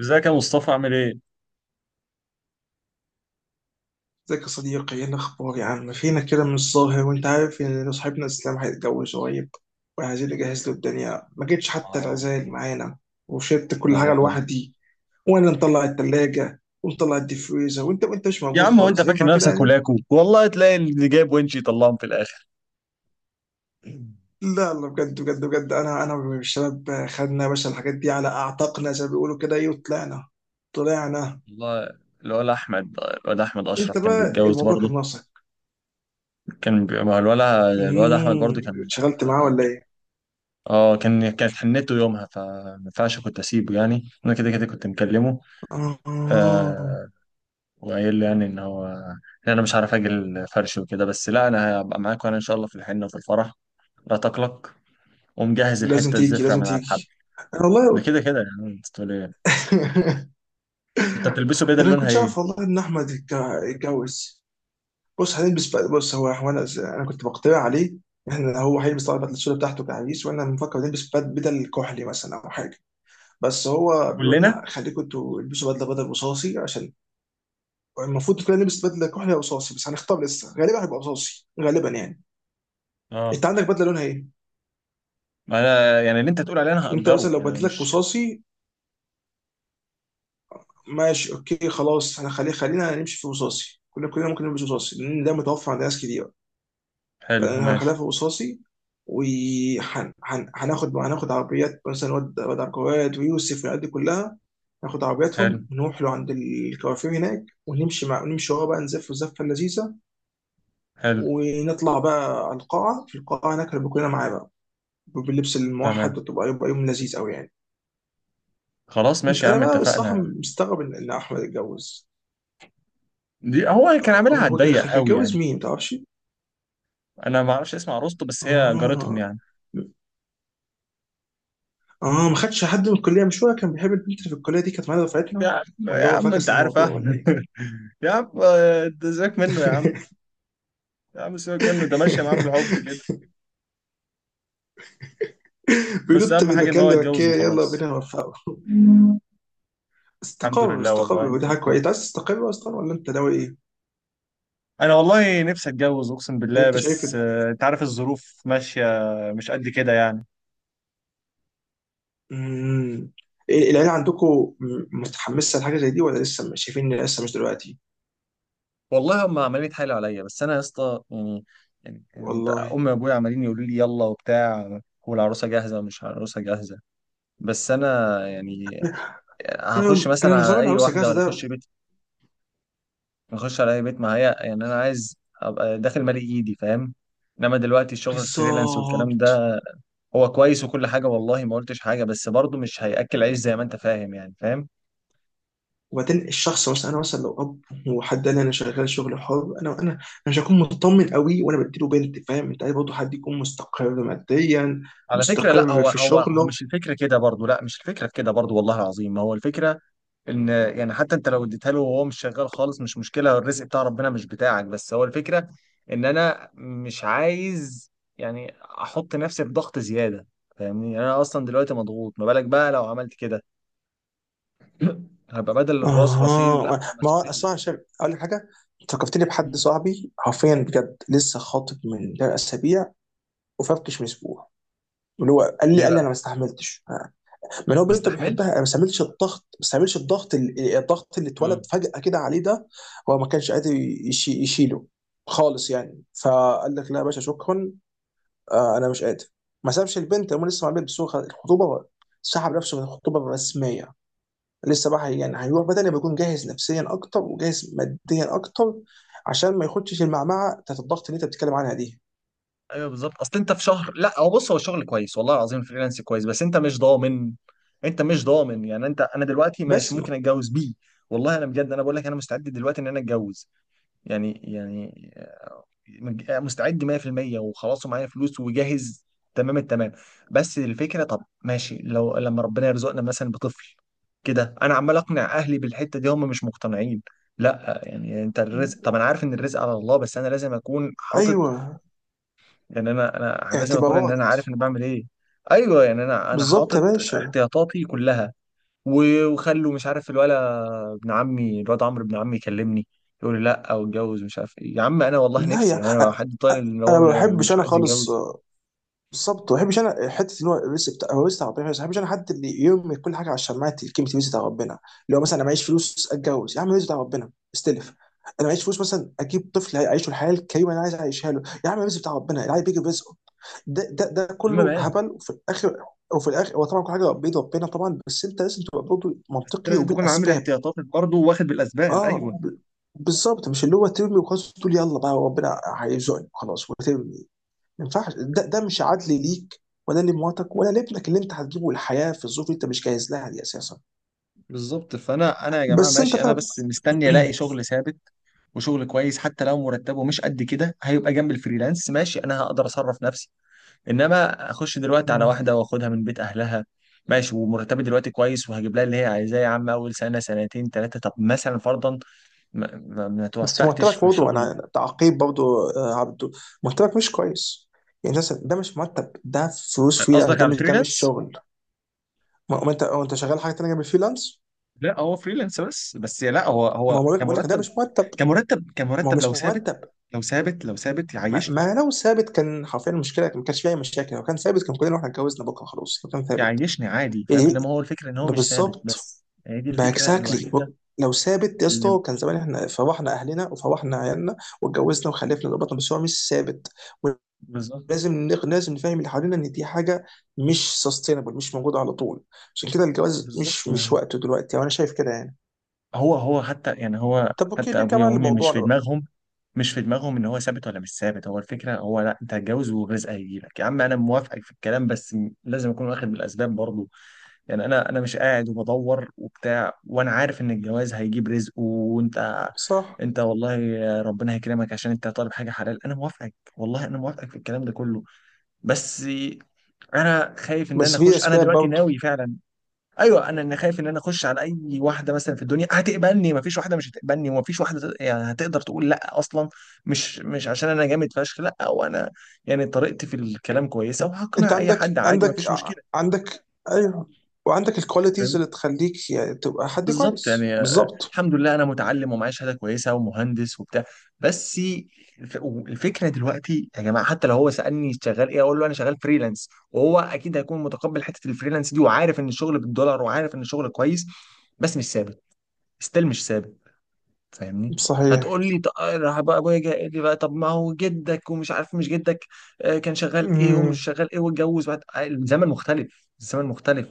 ازيك يا مصطفى عامل ايه؟ ازيك يا صديقي، ايه الاخبار يا عم؟ فينك كده من الظاهر؟ وانت عارف ان صاحبنا اسلام هيتجوز قريب، وعايزين نجهز له الدنيا. ما جيتش حتى اه. العزاية اللي معانا وشلت كل لا حاجه والله. لوحدي، وانا مطلع التلاجة ومطلع الديفريزر وانت مش يا موجود عم هو انت خالص. فاكر ينفع كده نفسك يعني؟ ولاكو والله تلاقي اللي جايب ونشي يطلعهم في الاخر. لا لا، بجد، انا والشباب خدنا يا باشا الحاجات دي على اعتقنا زي ما بيقولوا كده، ايه، وطلعنا طلعنا. والله. الواد احمد انت اشرف كان بقى بيتجوز الموضوع برضه. كان ناقصك. ما هو الواد احمد برضه كان. اتشغلت معاه ولا ايه؟ اه كان كانت حنته يومها، فما ينفعش كنت اسيبه، يعني انا كده كده كنت مكلمه. آه. آه. وقايل له يعني ان انا مش عارف اجي الفرش وكده، بس لا، انا هبقى معاك وانا ان شاء الله في الحنه وفي الفرح. لا تقلق. ومجهز لازم الحته تيجي، الزفره لازم من على الحب. تيجي. انا ده والله كده كده، يعني انت تقول ايه. انت بتلبسه بدل انا ما لونها كنتش ايه؟ اعرف والله ان احمد يتجوز. بص هنلبس بقى، بص، هو انا كنت بقترح عليه. احنا هو هيلبس طبعا البدله السوداء بتاعته كعريس، وانا بنفكر نلبس بدل كحلي مثلا او حاجه. بس هو بيقول كلنا. لا خليكم انتوا البسوا بدله، بدل رصاصي، عشان المفروض كلنا نلبس بدله كحلي او رصاصي. بس هنختار لسه، غالبا هيبقى رصاصي غالبا يعني. اه انت عندك بدله لونها ايه؟ ما انا يعني اللي انت تقول عليه انا انت هأجره، مثلا لو يعني انا بدلتك مش. رصاصي، ماشي اوكي خلاص، احنا خلينا نمشي في رصاصي، كلنا ممكن نمشي في رصاصي لان ده متوفر عند ناس كتير. حلو فانا ماشي. هخليها في رصاصي. وهناخد عربيات مثلا، واد عقارات ويوسف والعيال دي كلها، ناخد حلو. عربياتهم نروح له عند الكوافير هناك، ونمشي مع نمشي ورا بقى، نزف الزفه اللذيذه. حلو. ونطلع بقى على القاعه، في القاعه هناك هنبقى كلنا معاه بقى باللبس الموحد، تمام. يبقى يوم لذيذ قوي يعني. خلاص انت ماشي يا انا عم بقى الصراحه اتفقنا. مستغرب ان احمد اتجوز. دي هو كان أه، عاملها هو على هو الضيق قوي يعني. هيتجوز مين ما تعرفش؟ انا ما اعرفش اسم عروسته بس هي جارتهم اه يعني. اه، ما خدش حد من الكليه؟ مش هو كان بيحب البنت اللي في الكليه دي؟ كانت معانا يا دفعتنا، عم يا ولا هو عم انت فاكس عارف الموضوع ولا احمد ايه؟ يا عم آه، ده سيبك منه يا عم. يا عم سيبك منه، ده ماشيه معاه بالحب كده. بس بينط اهم من حاجه ان مكان هو يتجوز لمكان. يلا وخلاص. بينا نوفقه. الحمد استقر لله استقر، والله انت. ودي حاجه كويسه. انت عايز تستقر اصلا ولا انت ناوي ايه؟ انا والله نفسي اتجوز اقسم يعني بالله، انت شايف. بس آه، انت عارف الظروف ماشيه مش قد كده يعني. امم العيله عندكم متحمسه لحاجه زي دي، ولا لسه شايفين ان لسه مش دلوقتي؟ والله هم عمالين يتحايلوا عليا بس انا يا اسطى يعني. يعني انت والله. امي وابويا عمالين يقولوا لي يلا وبتاع، والعروسه جاهزه ومش عروسه جاهزه. بس انا يعني هخش انا مثلا نظام على اي العروسه واحده جاهزه ولا اخش ده بيت. اخش على اي بيت، ما هي يعني انا عايز ابقى داخل مالي ايدي فاهم. انما دلوقتي الشغل الفريلانس والكلام بالظبط. ده هو كويس وكل حاجه، والله ما قلتش حاجه، بس برضه مش هياكل عيش زي ما انت فاهم يعني فاهم. وبعدين الشخص، مثلا انا مثلا لو اب، وحد قال لي انا شغال شغل حر، انا مش هكون مطمن قوي وانا بديله بنت. فاهم؟ انت عايز برضه حد يكون مستقر ماديا، على فكرة لا، مستقر هو في هو هو شغله. مش الفكرة كده برضو، لا مش الفكرة في كده برضو، والله العظيم ما هو الفكرة ان يعني حتى انت لو اديتها له وهو مش شغال خالص مش مشكلة، الرزق بتاع ربنا مش بتاعك، بس هو الفكرة ان انا مش عايز يعني احط نفسي في ضغط زيادة. فاهمني؟ يعني انا اصلا دلوقتي مضغوط، ما بالك بقى لو عملت كده؟ هبقى بدل الراس راسين لا اها، ما هو مسؤولية. اصلا عشان اقول لك حاجه، فكرتني بحد مم. صاحبي حرفيا بجد، لسه خاطب من ده اسابيع وفركش من اسبوع. اللي هو قال لي ليه قال لي انا بقى؟ ما استحملتش. من هو ما بنته استحملش. بيحبها، ما استعملش الضغط، ما استعملش الضغط، الضغط اللي اتولد فجأة كده عليه ده هو ما كانش قادر يشيله خالص يعني. فقال لك لا يا باشا، شكرا، آه انا مش قادر. ما سابش البنت، هم لسه مع البنت، بس هو الخطوبة، سحب نفسه من الخطوبة الرسمية. لسه بقى يعني هيروح بدني بيكون جاهز نفسيا اكتر وجاهز ماديا اكتر، عشان ما يخدش المعمعة بتاعت الضغط اللي انت بتتكلم عنها دي. ايوه بالظبط، اصل انت في شهر، لا هو بص هو الشغل كويس والله العظيم، فريلانس كويس بس انت مش ضامن. انت مش ضامن، يعني انت انا دلوقتي ماشي بس ممكن اتجوز بيه. والله انا بجد انا بقول لك انا مستعد دلوقتي ان انا اتجوز. يعني مستعد 100% وخلاص، ومعايا فلوس وجاهز تمام التمام. بس الفكره، طب ماشي لو لما ربنا يرزقنا مثلا بطفل كده، انا عمال اقنع اهلي بالحته دي هم مش مقتنعين. لا يعني انت الرزق، طب انا عارف ان الرزق على الله، بس انا لازم اكون حاطط، ايوه، يعني انا لازم اكون ان انا اعتبارات، عارف انا بعمل ايه. ايوه يعني انا بالظبط يا حاطط باشا. احتياطاتي كلها. و- وخلوا مش عارف الولا، ابن عمي الواد عمرو ابن عمي يكلمني يقول لي لا واتجوز مش عارف ايه. يا عم انا والله لا نفسي، يا يعني انا أ- حد طالع ان هو انا ما بحبش مش انا عايز خالص. يتجوز؟ آه، بالظبط، ما بحبش انا حته ان هو الرزق بتاع هو رزق بتاع ربنا، بس ما بحبش انا حد اللي يرمي كل حاجه على الشماعات كلمه رزق بتاع ربنا. اللي هو مثلا انا معيش فلوس، اتجوز يا عم، رزق بتاع ربنا، استلف. انا معيش فلوس مثلا، اجيب طفل يعيشه الحياه الكريمه اللي انا عايز اعيشها له، يا عم رزق بتاع ربنا، العيال بيجي برزقه. ده المهم كله بقى. هبل. وفي الاخر وفي الاخر هو طبعا كل حاجه بيد ربنا طبعا، بس انت لازم تبقى برضه بس منطقي لازم تكون عامل وبالاسباب. احتياطاتك برضه واخد بالاسباب، ايوه اه ب- بالظبط، مش اللي هو ترمي وخلاص تقول يلا بقى ربنا هيرزقني خلاص وترمي. ما ينفعش ده، ده مش عدل ليك ولا لمراتك ولا لابنك اللي انت هتجيبه الحياه في الظروف اللي انت مش جاهز لها دي اساسا. بالظبط. فانا يا جماعه بس انت ماشي، انا فعلا بس مستني الاقي شغل ثابت وشغل كويس حتى لو مرتبه مش قد كده، هيبقى جنب الفريلانس ماشي انا هقدر اصرف نفسي. انما اخش دلوقتي على مم. واحده واخدها من بيت اهلها ماشي، ومرتبي دلوقتي كويس وهجيب لها اللي هي عايزاه، يا عم اول سنه سنتين ثلاثه طب مثلا فرضا ما بس توفقتش مرتبك في برضه، شغل؟ انا تعقيب برضه، آه، عبده مرتبك مش كويس. يعني مثلا ده مش مرتب ده، فلوس فريلانس قصدك ده على مش، ده مش الفريلانس. شغل. ما انت ما انت شغال حاجه تانيه جنب الفريلانس. لا هو فريلانس بس لا هو ما هو بقول لك ده كمرتب، مش مرتب. كمرتب ما هو كمرتب لو مش ثابت، مرتب. لو ثابت لو ثابت يعيشني. ما لو ثابت كان حرفيا المشكله ما كانش فيها اي مشاكل، لو كان ثابت كان كلنا احنا اتجوزنا بكره خلاص، لو كان ثابت يعيشني عادي فاهم، يعني. انما هو الفكره ان هو مش ثابت، بالظبط، بس هي دي الفكره باكزاكتلي، الوحيده لو ثابت يا اللي. اسطى كان زمان احنا فرحنا اهلنا وفرحنا عيالنا واتجوزنا وخلفنا وربطنا، بس هو مش ثابت. بالظبط. ولازم لازم نفهم اللي حوالينا ان دي حاجه مش سستينبل، مش موجوده على طول. عشان كده الجواز بالظبط مش، مش وقته دلوقتي، وانا شايف كده يعني. هو حتى يعني هو طب اوكي حتى نرجع ابويا بقى وامي مش في لموضوعنا بقى. دماغهم. مش في دماغهم ان هو ثابت ولا مش ثابت. هو الفكره هو لا انت هتجوز والرزق هيجيلك يا عم، انا موافقك في الكلام بس لازم اكون واخد بالاسباب برضو، يعني انا مش قاعد وبدور وبتاع وانا عارف ان الجواز هيجيب رزق. صح، انت والله ربنا هيكرمك عشان انت طالب حاجه حلال، انا موافقك والله انا موافقك في الكلام ده كله. بس انا خايف ان انا بس في اخش انا اسباب دلوقتي برضه. ناوي فعلا. ايوه انا خايف ان انا اخش على اي واحده مثلا في الدنيا هتقبلني، مفيش واحده مش هتقبلني ومفيش واحده يعني هتقدر تقول لا اصلا، مش عشان انا جامد فشخ لا، وانا يعني طريقتي في الكلام كويسه انت وهقنع اي حد عندك عادي عندك مفيش ع- مشكله. عندك ايوه، وعندك الكواليتيز فاهم. اللي تخليك يعني تبقى حد بالظبط كويس يعني آه، بالظبط. الحمد لله انا متعلم ومعايا شهاده كويسه ومهندس وبتاع. بس الف- الفكره دلوقتي يا جماعه، حتى لو هو سالني شغال ايه اقول له انا شغال فريلانس، وهو اكيد هيكون متقبل حته الفريلانس دي وعارف ان الشغل بالدولار وعارف ان الشغل كويس، بس مش ثابت. ستيل مش ثابت. فاهمني. صحيح. هتقول لي راح بقى ابويا جاي قال لي بقى، طب ما هو جدك ومش عارف مش جدك آه، كان شغال ايه ومش امم شغال ايه واتجوز بعد آه، الزمن مختلف. الزمن مختلف.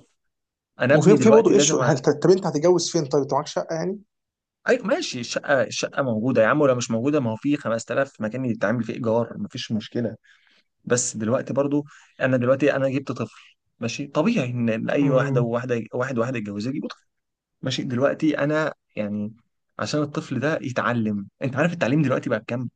انا وفي ابني في برضه دلوقتي لازم ايشو أ... هل طب انت هتتجوز فين؟ طيب انت معاك شقه يعني؟ ايوه ماشي، الشقه الشقه موجوده يا عم، ولو مش موجوده ما هو في 5000 مكان يتعمل فيه ايجار مفيش مشكله. بس دلوقتي برضو انا دلوقتي انا جبت طفل، ماشي طبيعي ان إن اي واحده امم وواحده واحد واحده يتجوزها يجيبوا طفل، ماشي دلوقتي انا يعني عشان الطفل ده يتعلم، انت عارف التعليم دلوقتي بقى بكام؟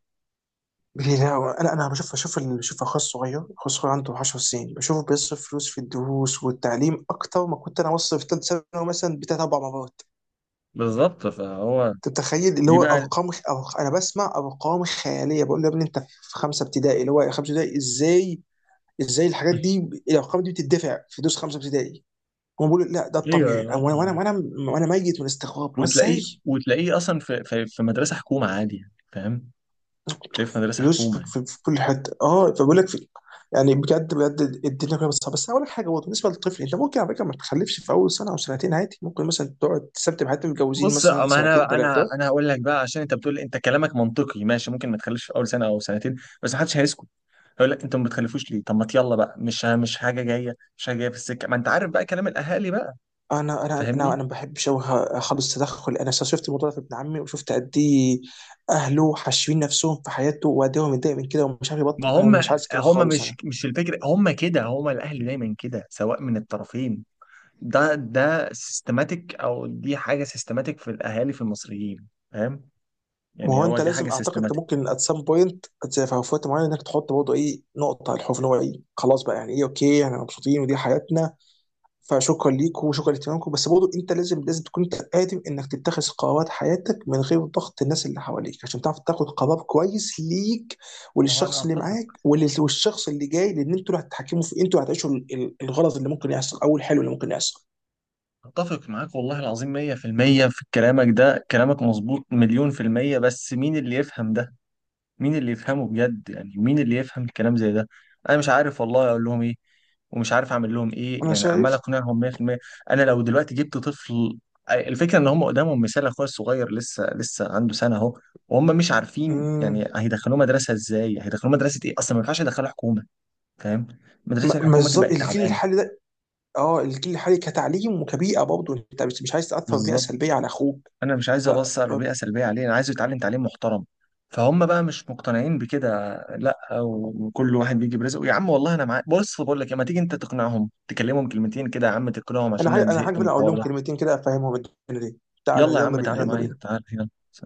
لا، انا بشوف، بشوف بشوف اخويا الصغير، اخويا الصغير عنده 10 سنين، بشوفه بيصرف فلوس في الدروس والتعليم اكتر ما كنت انا بصرف في ثالث ثانوي مثلا بتاع اربع مرات. بالظبط فهو. انت متخيل؟ اللي دي هو بقى. ارقام انا بسمع ارقام خياليه، بقول له يا ابني انت في خمسه ابتدائي، اللي هو خمسه ابتدائي ازاي؟ ازاي الحاجات دي، الارقام دي بتدفع في دروس خمسه ابتدائي؟ هم بيقولوا لا، ده الطبيعي. ايوه وانا ميت من الاستغراب، هو وتلاقيه، ازاي؟ وتلاقيه اصلا في مدرسه حكومه عادي يعني فاهم، تلاقيه في مدرسه فلوس حكومه يعني. في كل حته، اه، فبقول لك في، يعني بجد بجد الدنيا كلها بتصعب. بس أنا اقول لك حاجه برضه بالنسبه للطفل، انت ممكن على فكره ما تخلفش في اول سنه او سنتين عادي، ممكن مثلا تقعد تثبت بحياتهم متجوزين بص مثلا ما سنتين انا انا ثلاثه. انا هقول لك بقى، عشان انت بتقول انت كلامك منطقي ماشي ممكن ما تخليش في اول سنه او سنتين، بس محدش هيسكت. هيقول لك انتوا ما بتخلفوش ليه، طب ما يلا بقى مش حاجه جايه مش حاجه جايه في السكه، ما انت عارف بقى كلام الاهالي بقى. انا انا انا فاهمني. انا ما بحبش أوي اخلص تدخل. انا شفت الموضوع ده في ابن عمي، وشفت قد ايه اهله حاشرين نفسهم في حياته، وقد ايه هو متضايق من كده ومش عارف ما يبطل. انا هم مش عايز كده هم خالص مش انا. مش الفكره، هم الاهل دايما كده سواء من الطرفين، ده سيستماتيك او دي حاجه سيستماتيك في الاهالي في المصريين فاهم، ما يعني هو هو انت دي حاجه لازم اعتقد انت سيستماتيك. ممكن ات سام بوينت في وقت معين انك تحط برضه ايه نقطه على الحروف، اللي هو ايه، خلاص بقى يعني، ايه، اوكي احنا مبسوطين ودي حياتنا، فشكرا ليكم وشكرا لاهتمامكم. بس برضه انت لازم، لازم تكون انت قادر انك تتخذ قرارات حياتك من غير ضغط الناس اللي حواليك، عشان تعرف تاخد قرار كويس ليك ما هو انا وللشخص اللي معاك اتفق، والشخص اللي جاي، لان انتوا اللي هتتحكموا في، انتوا اللي هتعيشوا الغلط اللي ممكن يحصل او الحلو اللي ممكن يحصل. اتفق معاك والله العظيم 100% في المية، في كلامك ده كلامك مظبوط مليون في المية، بس مين اللي يفهم ده؟ مين اللي يفهمه بجد يعني؟ مين اللي يفهم الكلام زي ده؟ انا مش عارف والله اقول لهم ايه ومش عارف اعمل لهم ايه، انا يعني عمال شايف. اقنعهم 100%. انا لو دلوقتي جبت طفل، الفكره ان هم قدامهم مثال اخويا الصغير لسه لسه عنده سنه اهو، وهم مش عارفين مم، يعني هيدخلوه مدرسه ازاي، هيدخلوه مدرسه ايه؟ اصلا ما ينفعش يدخلوه حكومه، فاهم. ما مدرسه ما الحكومه الز- كده بقت الجيل تعبانه. الحالي ده، اه الجيل الحالي كتعليم وكبيئه، برضه انت مش، مش عايز تاثر بيئه بالظبط، سلبيه على اخوك. انا مش عايز فانا ابصر بيئه سلبيه عليه، انا عايزه يتعلم تعليم محترم. فهم بقى مش مقتنعين بكده، لا وكل واحد بيجي برزقه يا عم، والله انا معاك. بص بقول لك إيه، ما تيجي انت تقنعهم تكلمهم كلمتين كده يا عم، تقنعهم عشان انا انا زهقت من حاجه اقول الحوار لهم ده. كلمتين كده، افهمهم الدنيا دي. تعالى يلا يا يلا عم بينا، تعالى يلا معايا، بينا. تعالى، يلا سلام.